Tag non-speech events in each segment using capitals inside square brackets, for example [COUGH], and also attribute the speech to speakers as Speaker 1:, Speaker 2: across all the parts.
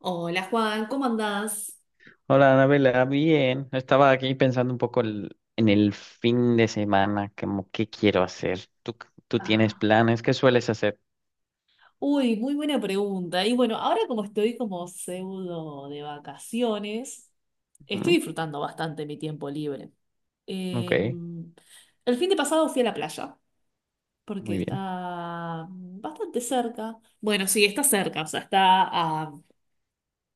Speaker 1: Hola Juan, ¿cómo andás?
Speaker 2: Hola, Anabela, bien. Estaba aquí pensando un poco en el fin de semana, como qué quiero hacer. ¿Tú tienes
Speaker 1: Ah,
Speaker 2: planes? ¿Qué sueles hacer?
Speaker 1: uy, muy buena pregunta. Y bueno, ahora como estoy como pseudo de vacaciones, estoy
Speaker 2: ¿Mm?
Speaker 1: disfrutando bastante mi tiempo libre.
Speaker 2: Ok,
Speaker 1: Eh, el fin de pasado fui a la playa, porque
Speaker 2: muy bien.
Speaker 1: está bastante cerca. Bueno, sí, está cerca, o sea, está a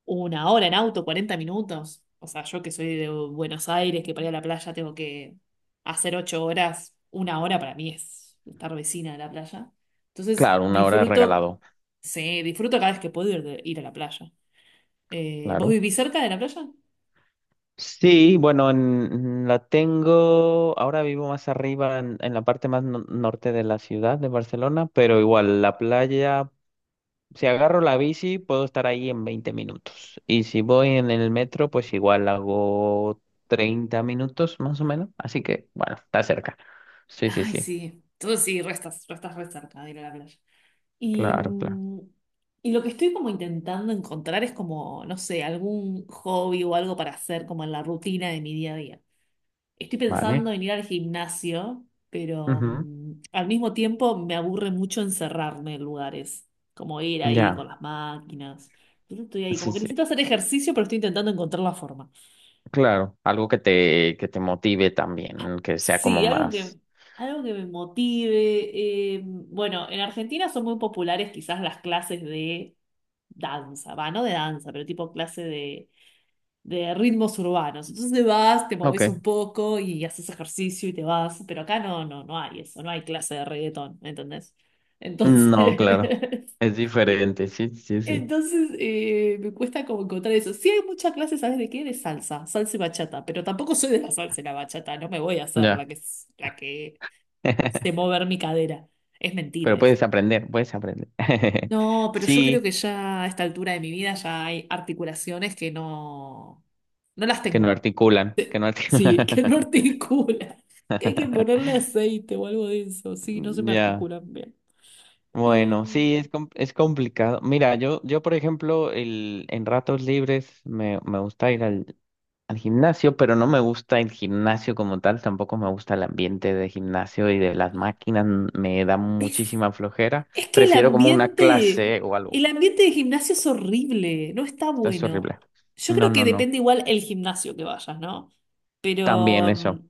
Speaker 1: 1 hora en auto, 40 minutos. O sea, yo que soy de Buenos Aires, que para ir a la playa tengo que hacer 8 horas, 1 hora para mí es estar vecina de la playa. Entonces,
Speaker 2: Claro, una hora
Speaker 1: disfruto,
Speaker 2: regalado,
Speaker 1: sí, disfruto cada vez que puedo ir, ir a la playa. ¿Vos
Speaker 2: claro.
Speaker 1: vivís cerca de la playa?
Speaker 2: Sí, bueno, la tengo, ahora vivo más arriba, en la parte más norte de la ciudad de Barcelona, pero igual la playa. Si agarro la bici, puedo estar ahí en 20 minutos. Y si voy en el metro, pues igual hago 30 minutos más o menos. Así que, bueno, está cerca. Sí, sí,
Speaker 1: Ay,
Speaker 2: sí.
Speaker 1: sí. Entonces sí, restas re cerca de ir a la playa. Y,
Speaker 2: Claro, claro.
Speaker 1: mm, y lo que estoy como intentando encontrar es como, no sé, algún hobby o algo para hacer como en la rutina de mi día a día. Estoy pensando
Speaker 2: Vale.
Speaker 1: en ir al gimnasio, pero
Speaker 2: Ujú.
Speaker 1: al mismo tiempo me aburre mucho encerrarme en lugares, como ir ahí con
Speaker 2: Ya.
Speaker 1: las máquinas. Yo no estoy ahí, como
Speaker 2: Sí,
Speaker 1: que
Speaker 2: sí.
Speaker 1: necesito hacer ejercicio, pero estoy intentando encontrar la forma.
Speaker 2: Claro. Algo que te motive también, que sea como
Speaker 1: Sí,
Speaker 2: más.
Speaker 1: algo que me motive. Bueno, en Argentina son muy populares quizás las clases de danza, va, no de danza, pero tipo clase de ritmos urbanos. Entonces te vas, te moves un
Speaker 2: Ok.
Speaker 1: poco y haces ejercicio y te vas, pero acá no, no, no hay eso, no hay clase de reggaetón, ¿entendés? Entonces,
Speaker 2: No, claro.
Speaker 1: [LAUGHS]
Speaker 2: Es diferente. Sí, sí, sí.
Speaker 1: entonces me cuesta como encontrar eso. Sí hay muchas clases, ¿sabes de qué? De salsa, salsa y bachata, pero tampoco soy de la salsa y la bachata, no me voy a hacer la
Speaker 2: Ya.
Speaker 1: que, s- la que se
Speaker 2: [LAUGHS]
Speaker 1: mover mi cadera. Es
Speaker 2: Pero
Speaker 1: mentira eso.
Speaker 2: puedes aprender, puedes aprender. [LAUGHS]
Speaker 1: No, pero yo creo
Speaker 2: Sí,
Speaker 1: que ya a esta altura de mi vida ya hay articulaciones que no, no las
Speaker 2: que no
Speaker 1: tengo.
Speaker 2: articulan, que no articulan.
Speaker 1: Sí, [LAUGHS] que no articula. [LAUGHS] Que hay que
Speaker 2: [LAUGHS]
Speaker 1: ponerle aceite o algo de eso. Sí, no se
Speaker 2: Mm,
Speaker 1: me
Speaker 2: ya,
Speaker 1: articulan bien. Eh,
Speaker 2: bueno, sí, es complicado. Mira, yo, por ejemplo, en ratos libres me gusta ir al gimnasio, pero no me gusta el gimnasio como tal, tampoco me gusta el ambiente de gimnasio y de las máquinas, me da
Speaker 1: ¿Ves?
Speaker 2: muchísima flojera.
Speaker 1: Es que el
Speaker 2: Prefiero como una
Speaker 1: ambiente,
Speaker 2: clase o algo.
Speaker 1: el ambiente de gimnasio es horrible, no está
Speaker 2: Esto es
Speaker 1: bueno.
Speaker 2: horrible.
Speaker 1: Yo
Speaker 2: No,
Speaker 1: creo que
Speaker 2: no, no.
Speaker 1: depende igual el gimnasio que vayas, ¿no?
Speaker 2: También
Speaker 1: Pero
Speaker 2: eso.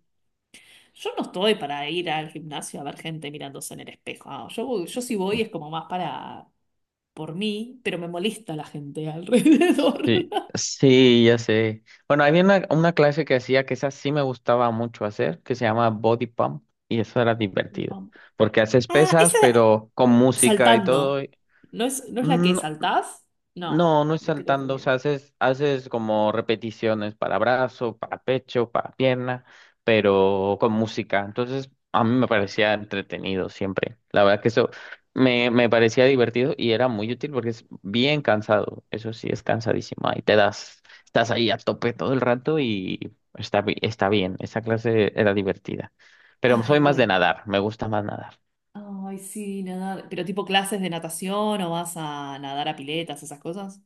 Speaker 1: yo no estoy para ir al gimnasio a ver gente mirándose en el espejo. Ah, yo si voy es como más para por mí, pero me molesta la gente alrededor.
Speaker 2: Sí,
Speaker 1: [LAUGHS]
Speaker 2: sí, ya sé. Bueno, había una clase que hacía que esa sí me gustaba mucho hacer, que se llama Body Pump, y eso era
Speaker 1: El
Speaker 2: divertido,
Speaker 1: pump.
Speaker 2: porque haces
Speaker 1: Ah,
Speaker 2: pesas,
Speaker 1: esa,
Speaker 2: pero con música y todo.
Speaker 1: saltando. ¿No es la que
Speaker 2: Mm,
Speaker 1: saltás? No,
Speaker 2: no, no es
Speaker 1: me estoy
Speaker 2: saltando, o sea,
Speaker 1: confundiendo.
Speaker 2: haces como repeticiones para brazo, para pecho, para pierna, pero con música. Entonces, a mí me parecía entretenido siempre. La verdad que eso me parecía divertido y era muy útil porque es bien cansado. Eso sí, es cansadísimo. Ahí te das, estás ahí a tope todo el rato y está bien. Esa clase era divertida. Pero
Speaker 1: Ay,
Speaker 2: soy más de
Speaker 1: bueno.
Speaker 2: nadar, me gusta más nadar.
Speaker 1: Ay, sí, nadar. Pero tipo clases de natación o vas a nadar a piletas, esas cosas.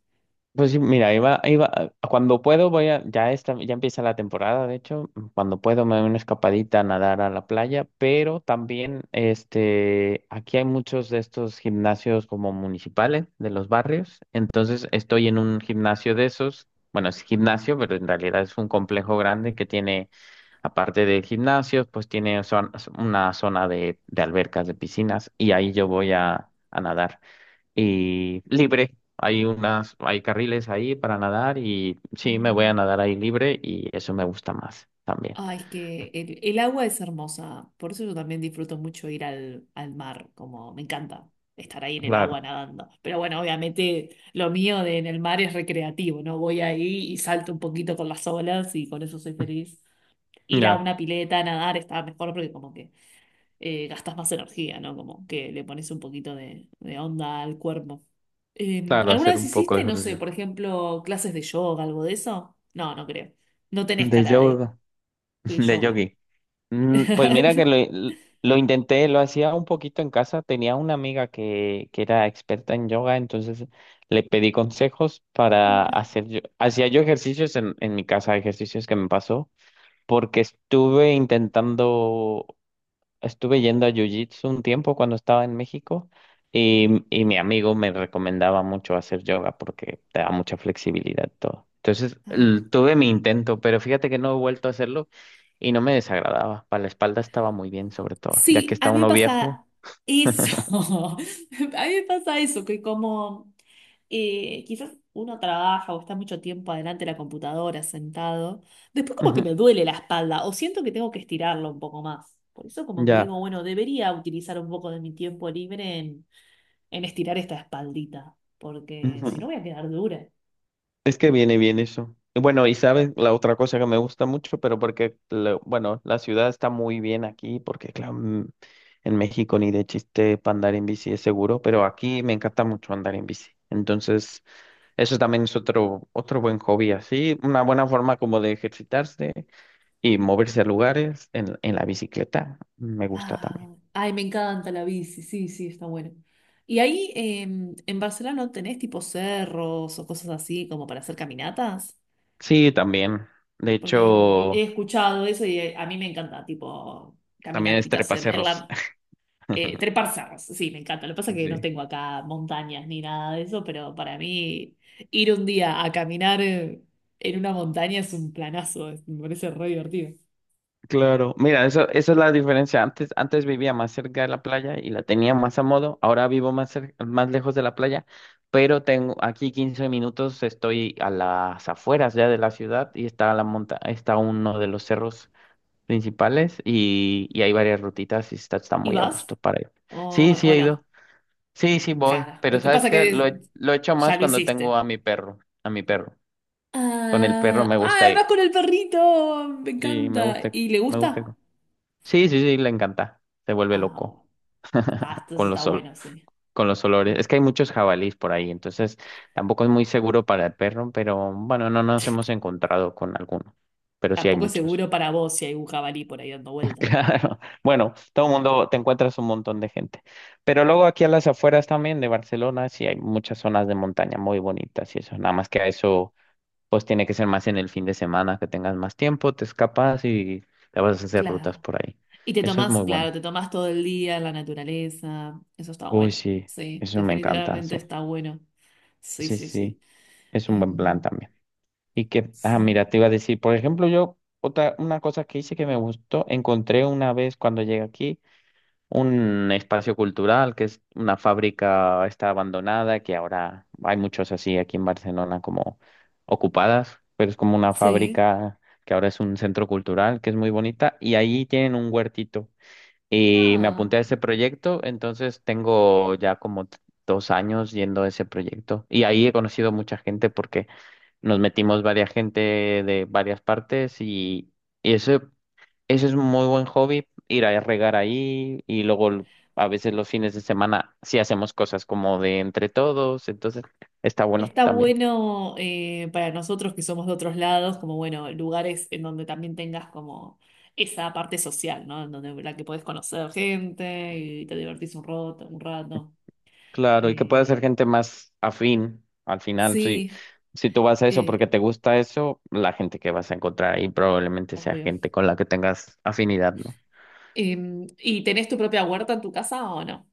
Speaker 2: Pues sí, mira, iba, cuando puedo voy a, ya esta, ya empieza la temporada, de hecho, cuando puedo me doy una escapadita a nadar a la playa, pero también, aquí hay muchos de estos gimnasios como municipales de los barrios, entonces estoy en un gimnasio de esos, bueno, es gimnasio, pero en realidad es un complejo grande que tiene, aparte de gimnasios, pues tiene una zona de albercas, de piscinas, y ahí yo voy a nadar y libre. Hay carriles ahí para nadar y sí, me voy a
Speaker 1: Ah.
Speaker 2: nadar ahí libre y eso me gusta más también.
Speaker 1: Ay, es que el agua es hermosa. Por eso yo también disfruto mucho ir al mar. Como me encanta estar ahí en el agua
Speaker 2: Claro,
Speaker 1: nadando. Pero bueno, obviamente lo mío de en el mar es recreativo, ¿no? Voy ahí y salto un poquito con las olas y con eso soy feliz. Ir a
Speaker 2: ya,
Speaker 1: una pileta a nadar está mejor porque como que gastas más energía, ¿no? Como que le pones un poquito de onda al cuerpo.
Speaker 2: claro,
Speaker 1: ¿Alguna
Speaker 2: hacer
Speaker 1: vez
Speaker 2: un poco de
Speaker 1: hiciste, no sé,
Speaker 2: ejercicio.
Speaker 1: por ejemplo, clases de yoga, algo de eso? No, no creo. No tenés
Speaker 2: De
Speaker 1: cara de,
Speaker 2: yoga, [LAUGHS]
Speaker 1: de
Speaker 2: de
Speaker 1: yoga.
Speaker 2: yogi. Pues mira que
Speaker 1: [LAUGHS]
Speaker 2: lo intenté, lo hacía un poquito en casa. Tenía una amiga que era experta en yoga, entonces le pedí consejos hacía yo ejercicios en mi casa, ejercicios que me pasó, porque estuve intentando. Estuve yendo a Jiu-Jitsu un tiempo cuando estaba en México y mi amigo me recomendaba mucho hacer yoga porque te da mucha flexibilidad y todo. Entonces
Speaker 1: Ah.
Speaker 2: tuve mi intento, pero fíjate que no he vuelto a hacerlo y no me desagradaba. Para la espalda estaba muy bien, sobre todo, ya que
Speaker 1: Sí,
Speaker 2: está
Speaker 1: a mí me
Speaker 2: uno viejo.
Speaker 1: pasa eso.
Speaker 2: [LAUGHS]
Speaker 1: [LAUGHS] A mí me pasa eso, que como quizás uno trabaja o está mucho tiempo adelante de la computadora sentado, después como que
Speaker 2: Ujú.
Speaker 1: me duele la espalda o siento que tengo que estirarlo un poco más. Por eso como que digo,
Speaker 2: Ya.
Speaker 1: bueno, debería utilizar un poco de mi tiempo libre en estirar esta espaldita, porque si no voy a
Speaker 2: [LAUGHS]
Speaker 1: quedar dura.
Speaker 2: Es que viene bien eso. Y bueno, y sabes, la otra cosa que me gusta mucho, pero porque, bueno, la ciudad está muy bien aquí, porque claro, en México ni de chiste para andar en bici es seguro, pero aquí me encanta mucho andar en bici. Entonces, eso también es otro buen hobby, así, una buena forma como de ejercitarse y moverse a lugares en la bicicleta. Me gusta
Speaker 1: Ah,
Speaker 2: también.
Speaker 1: ay, me encanta la bici, sí, sí, está bueno. ¿Y ahí en Barcelona no tenés tipo cerros o cosas así como para hacer caminatas?
Speaker 2: Sí, también. De
Speaker 1: Porque he
Speaker 2: hecho,
Speaker 1: escuchado eso y a mí me encanta, tipo
Speaker 2: también es
Speaker 1: caminatitas en
Speaker 2: trepacerros.
Speaker 1: la...
Speaker 2: [LAUGHS]
Speaker 1: Trepar cerros, sí, me encanta. Lo que pasa es que no
Speaker 2: Sí.
Speaker 1: tengo acá montañas ni nada de eso, pero para mí ir un día a caminar en una montaña es un planazo, me parece re divertido.
Speaker 2: Claro, mira, eso, esa es la diferencia. Antes vivía más cerca de la playa y la tenía más a modo. Ahora vivo más más lejos de la playa, pero tengo aquí 15 minutos, estoy a las afueras ya de la ciudad y está está uno de los cerros principales y hay varias rutitas y está
Speaker 1: ¿Y
Speaker 2: muy a
Speaker 1: vas?
Speaker 2: gusto para ir.
Speaker 1: ¿O,
Speaker 2: Sí, sí
Speaker 1: o
Speaker 2: he
Speaker 1: no?
Speaker 2: ido. Sí, sí voy,
Speaker 1: Claro.
Speaker 2: pero
Speaker 1: Lo que pasa
Speaker 2: ¿sabes
Speaker 1: es
Speaker 2: qué? Lo
Speaker 1: que
Speaker 2: he, lo he hecho
Speaker 1: ya
Speaker 2: más
Speaker 1: lo
Speaker 2: cuando tengo
Speaker 1: hiciste.
Speaker 2: a mi perro, a mi perro. Con el perro
Speaker 1: Ah,
Speaker 2: me gusta
Speaker 1: ah, ¡vas
Speaker 2: ir.
Speaker 1: con el perrito! Me
Speaker 2: Sí, me
Speaker 1: encanta.
Speaker 2: gusta,
Speaker 1: ¿Y le
Speaker 2: me gusta.
Speaker 1: gusta?
Speaker 2: Sí, sí, sí, le encanta. Se vuelve
Speaker 1: Ah,
Speaker 2: loco
Speaker 1: oh,
Speaker 2: [LAUGHS]
Speaker 1: está, entonces
Speaker 2: con los
Speaker 1: está
Speaker 2: sol,
Speaker 1: bueno, sí.
Speaker 2: con los olores.
Speaker 1: No.
Speaker 2: Es que hay muchos jabalís por ahí, entonces tampoco es muy seguro para el perro, pero bueno, no nos hemos encontrado con alguno. Pero sí hay
Speaker 1: Tampoco es
Speaker 2: muchos.
Speaker 1: seguro
Speaker 2: [LAUGHS]
Speaker 1: para vos si hay un jabalí por ahí dando vuelta.
Speaker 2: Claro. Bueno, todo el mundo, te encuentras un montón de gente. Pero luego aquí a las afueras también de Barcelona, sí hay muchas zonas de montaña muy bonitas y eso. Nada más que a eso, pues tiene que ser más en el fin de semana, que tengas más tiempo, te escapas y te vas a hacer rutas
Speaker 1: Claro.
Speaker 2: por ahí.
Speaker 1: Y te
Speaker 2: Eso es
Speaker 1: tomás,
Speaker 2: muy bueno.
Speaker 1: claro, te tomás todo el día en la naturaleza. Eso está
Speaker 2: Uy,
Speaker 1: bueno.
Speaker 2: sí,
Speaker 1: Sí,
Speaker 2: eso me encanta,
Speaker 1: definitivamente
Speaker 2: sí.
Speaker 1: está bueno. Sí,
Speaker 2: Sí,
Speaker 1: sí,
Speaker 2: sí,
Speaker 1: sí.
Speaker 2: es un buen plan
Speaker 1: Em,
Speaker 2: también. Ah, mira,
Speaker 1: sí,
Speaker 2: te iba a decir, por ejemplo, una cosa que hice que me gustó, encontré una vez cuando llegué aquí un espacio cultural que es una fábrica, está abandonada, que ahora hay muchos así aquí en Barcelona como ocupadas, pero es como una
Speaker 1: sí.
Speaker 2: fábrica que ahora es un centro cultural, que es muy bonita, y ahí tienen un huertito. Y me
Speaker 1: Ah.
Speaker 2: apunté a ese proyecto, entonces tengo ya como 2 años yendo a ese proyecto. Y ahí he conocido mucha gente porque nos metimos varias gente de varias partes y eso, es un muy buen hobby, ir a regar ahí y luego a veces los fines de semana sí hacemos cosas como de entre todos, entonces está bueno
Speaker 1: Está
Speaker 2: también.
Speaker 1: bueno para nosotros que somos de otros lados, como bueno, lugares en donde también tengas como esa parte social, ¿no? En donde la que podés conocer gente y te divertís un rato, un rato.
Speaker 2: Claro, y que pueda ser
Speaker 1: Eh,
Speaker 2: gente más afín al final, si,
Speaker 1: sí,
Speaker 2: si tú vas a eso porque
Speaker 1: eh,
Speaker 2: te gusta eso, la gente que vas a encontrar ahí probablemente sea
Speaker 1: obvio.
Speaker 2: gente con la que tengas afinidad, ¿no?
Speaker 1: ¿Y tenés tu propia huerta en tu casa o no?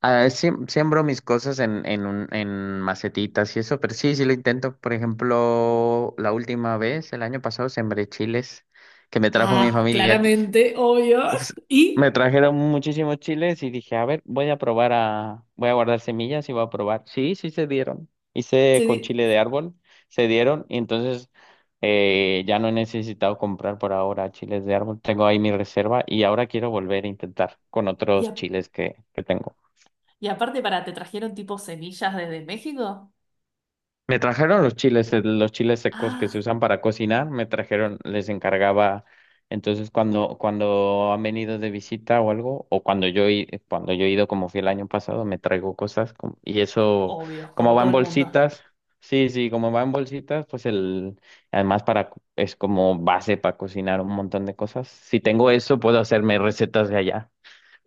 Speaker 2: Ah, siembro mis cosas en macetitas y eso, pero sí, sí lo intento. Por ejemplo, la última vez, el año pasado, sembré chiles que me trajo mi
Speaker 1: Ah,
Speaker 2: familia
Speaker 1: claramente, obvio.
Speaker 2: pues,
Speaker 1: [LAUGHS]
Speaker 2: me
Speaker 1: Y,
Speaker 2: trajeron muchísimos chiles y dije, a ver, voy a guardar semillas y voy a probar. Sí, sí se dieron. Hice
Speaker 1: se
Speaker 2: con
Speaker 1: di-
Speaker 2: chile de árbol, se dieron y entonces ya no he necesitado comprar por ahora chiles de árbol. Tengo ahí mi reserva y ahora quiero volver a intentar con
Speaker 1: y,
Speaker 2: otros
Speaker 1: a-
Speaker 2: chiles que tengo.
Speaker 1: y aparte para, ¿te trajeron tipo semillas desde México?
Speaker 2: Me trajeron los chiles secos que se
Speaker 1: Ah,
Speaker 2: usan para cocinar, me trajeron, les encargaba. Entonces, cuando han venido de visita o algo, o cuando yo he ido, como fui el año pasado, me traigo cosas. Y eso,
Speaker 1: obvio,
Speaker 2: como
Speaker 1: como
Speaker 2: va
Speaker 1: todo
Speaker 2: en
Speaker 1: el mundo.
Speaker 2: bolsitas, sí, sí, como va en bolsitas, pues el, además para, co- es como base para cocinar un montón de cosas. Si tengo eso, puedo hacerme recetas de allá.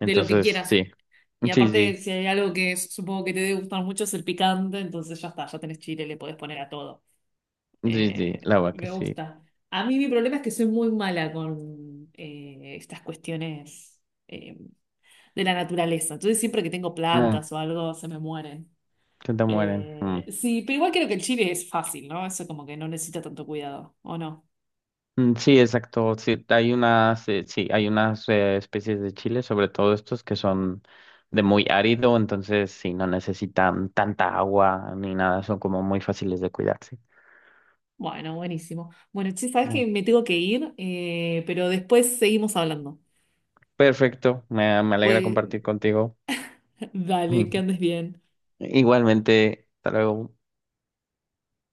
Speaker 1: De lo que quieras.
Speaker 2: sí,
Speaker 1: Y
Speaker 2: sí,
Speaker 1: aparte,
Speaker 2: sí,
Speaker 1: si hay algo que supongo que te debe gustar mucho es el picante, entonces ya está, ya tenés chile, le podés poner a todo.
Speaker 2: sí, sí, la verdad que
Speaker 1: Me
Speaker 2: sí.
Speaker 1: gusta. A mí mi problema es que soy muy mala con estas cuestiones eh, de la naturaleza. Entonces siempre que tengo
Speaker 2: Mm,
Speaker 1: plantas o algo, se me mueren.
Speaker 2: se te mueren. Mm.
Speaker 1: Sí, pero igual creo que el chile es fácil, ¿no? Eso como que no necesita tanto cuidado, ¿o no?
Speaker 2: Mm, sí, exacto. Sí, hay unas especies de chile, sobre todo estos que son de muy árido, entonces sí, no necesitan tanta agua ni nada, son como muy fáciles de cuidar, sí.
Speaker 1: Bueno, buenísimo. Bueno, che, sabes
Speaker 2: Mm.
Speaker 1: que me tengo que ir, pero después seguimos hablando.
Speaker 2: Perfecto, me alegra compartir
Speaker 1: Voy,
Speaker 2: contigo.
Speaker 1: [LAUGHS] dale, que
Speaker 2: [LAUGHS]
Speaker 1: andes bien.
Speaker 2: Igualmente, hasta luego.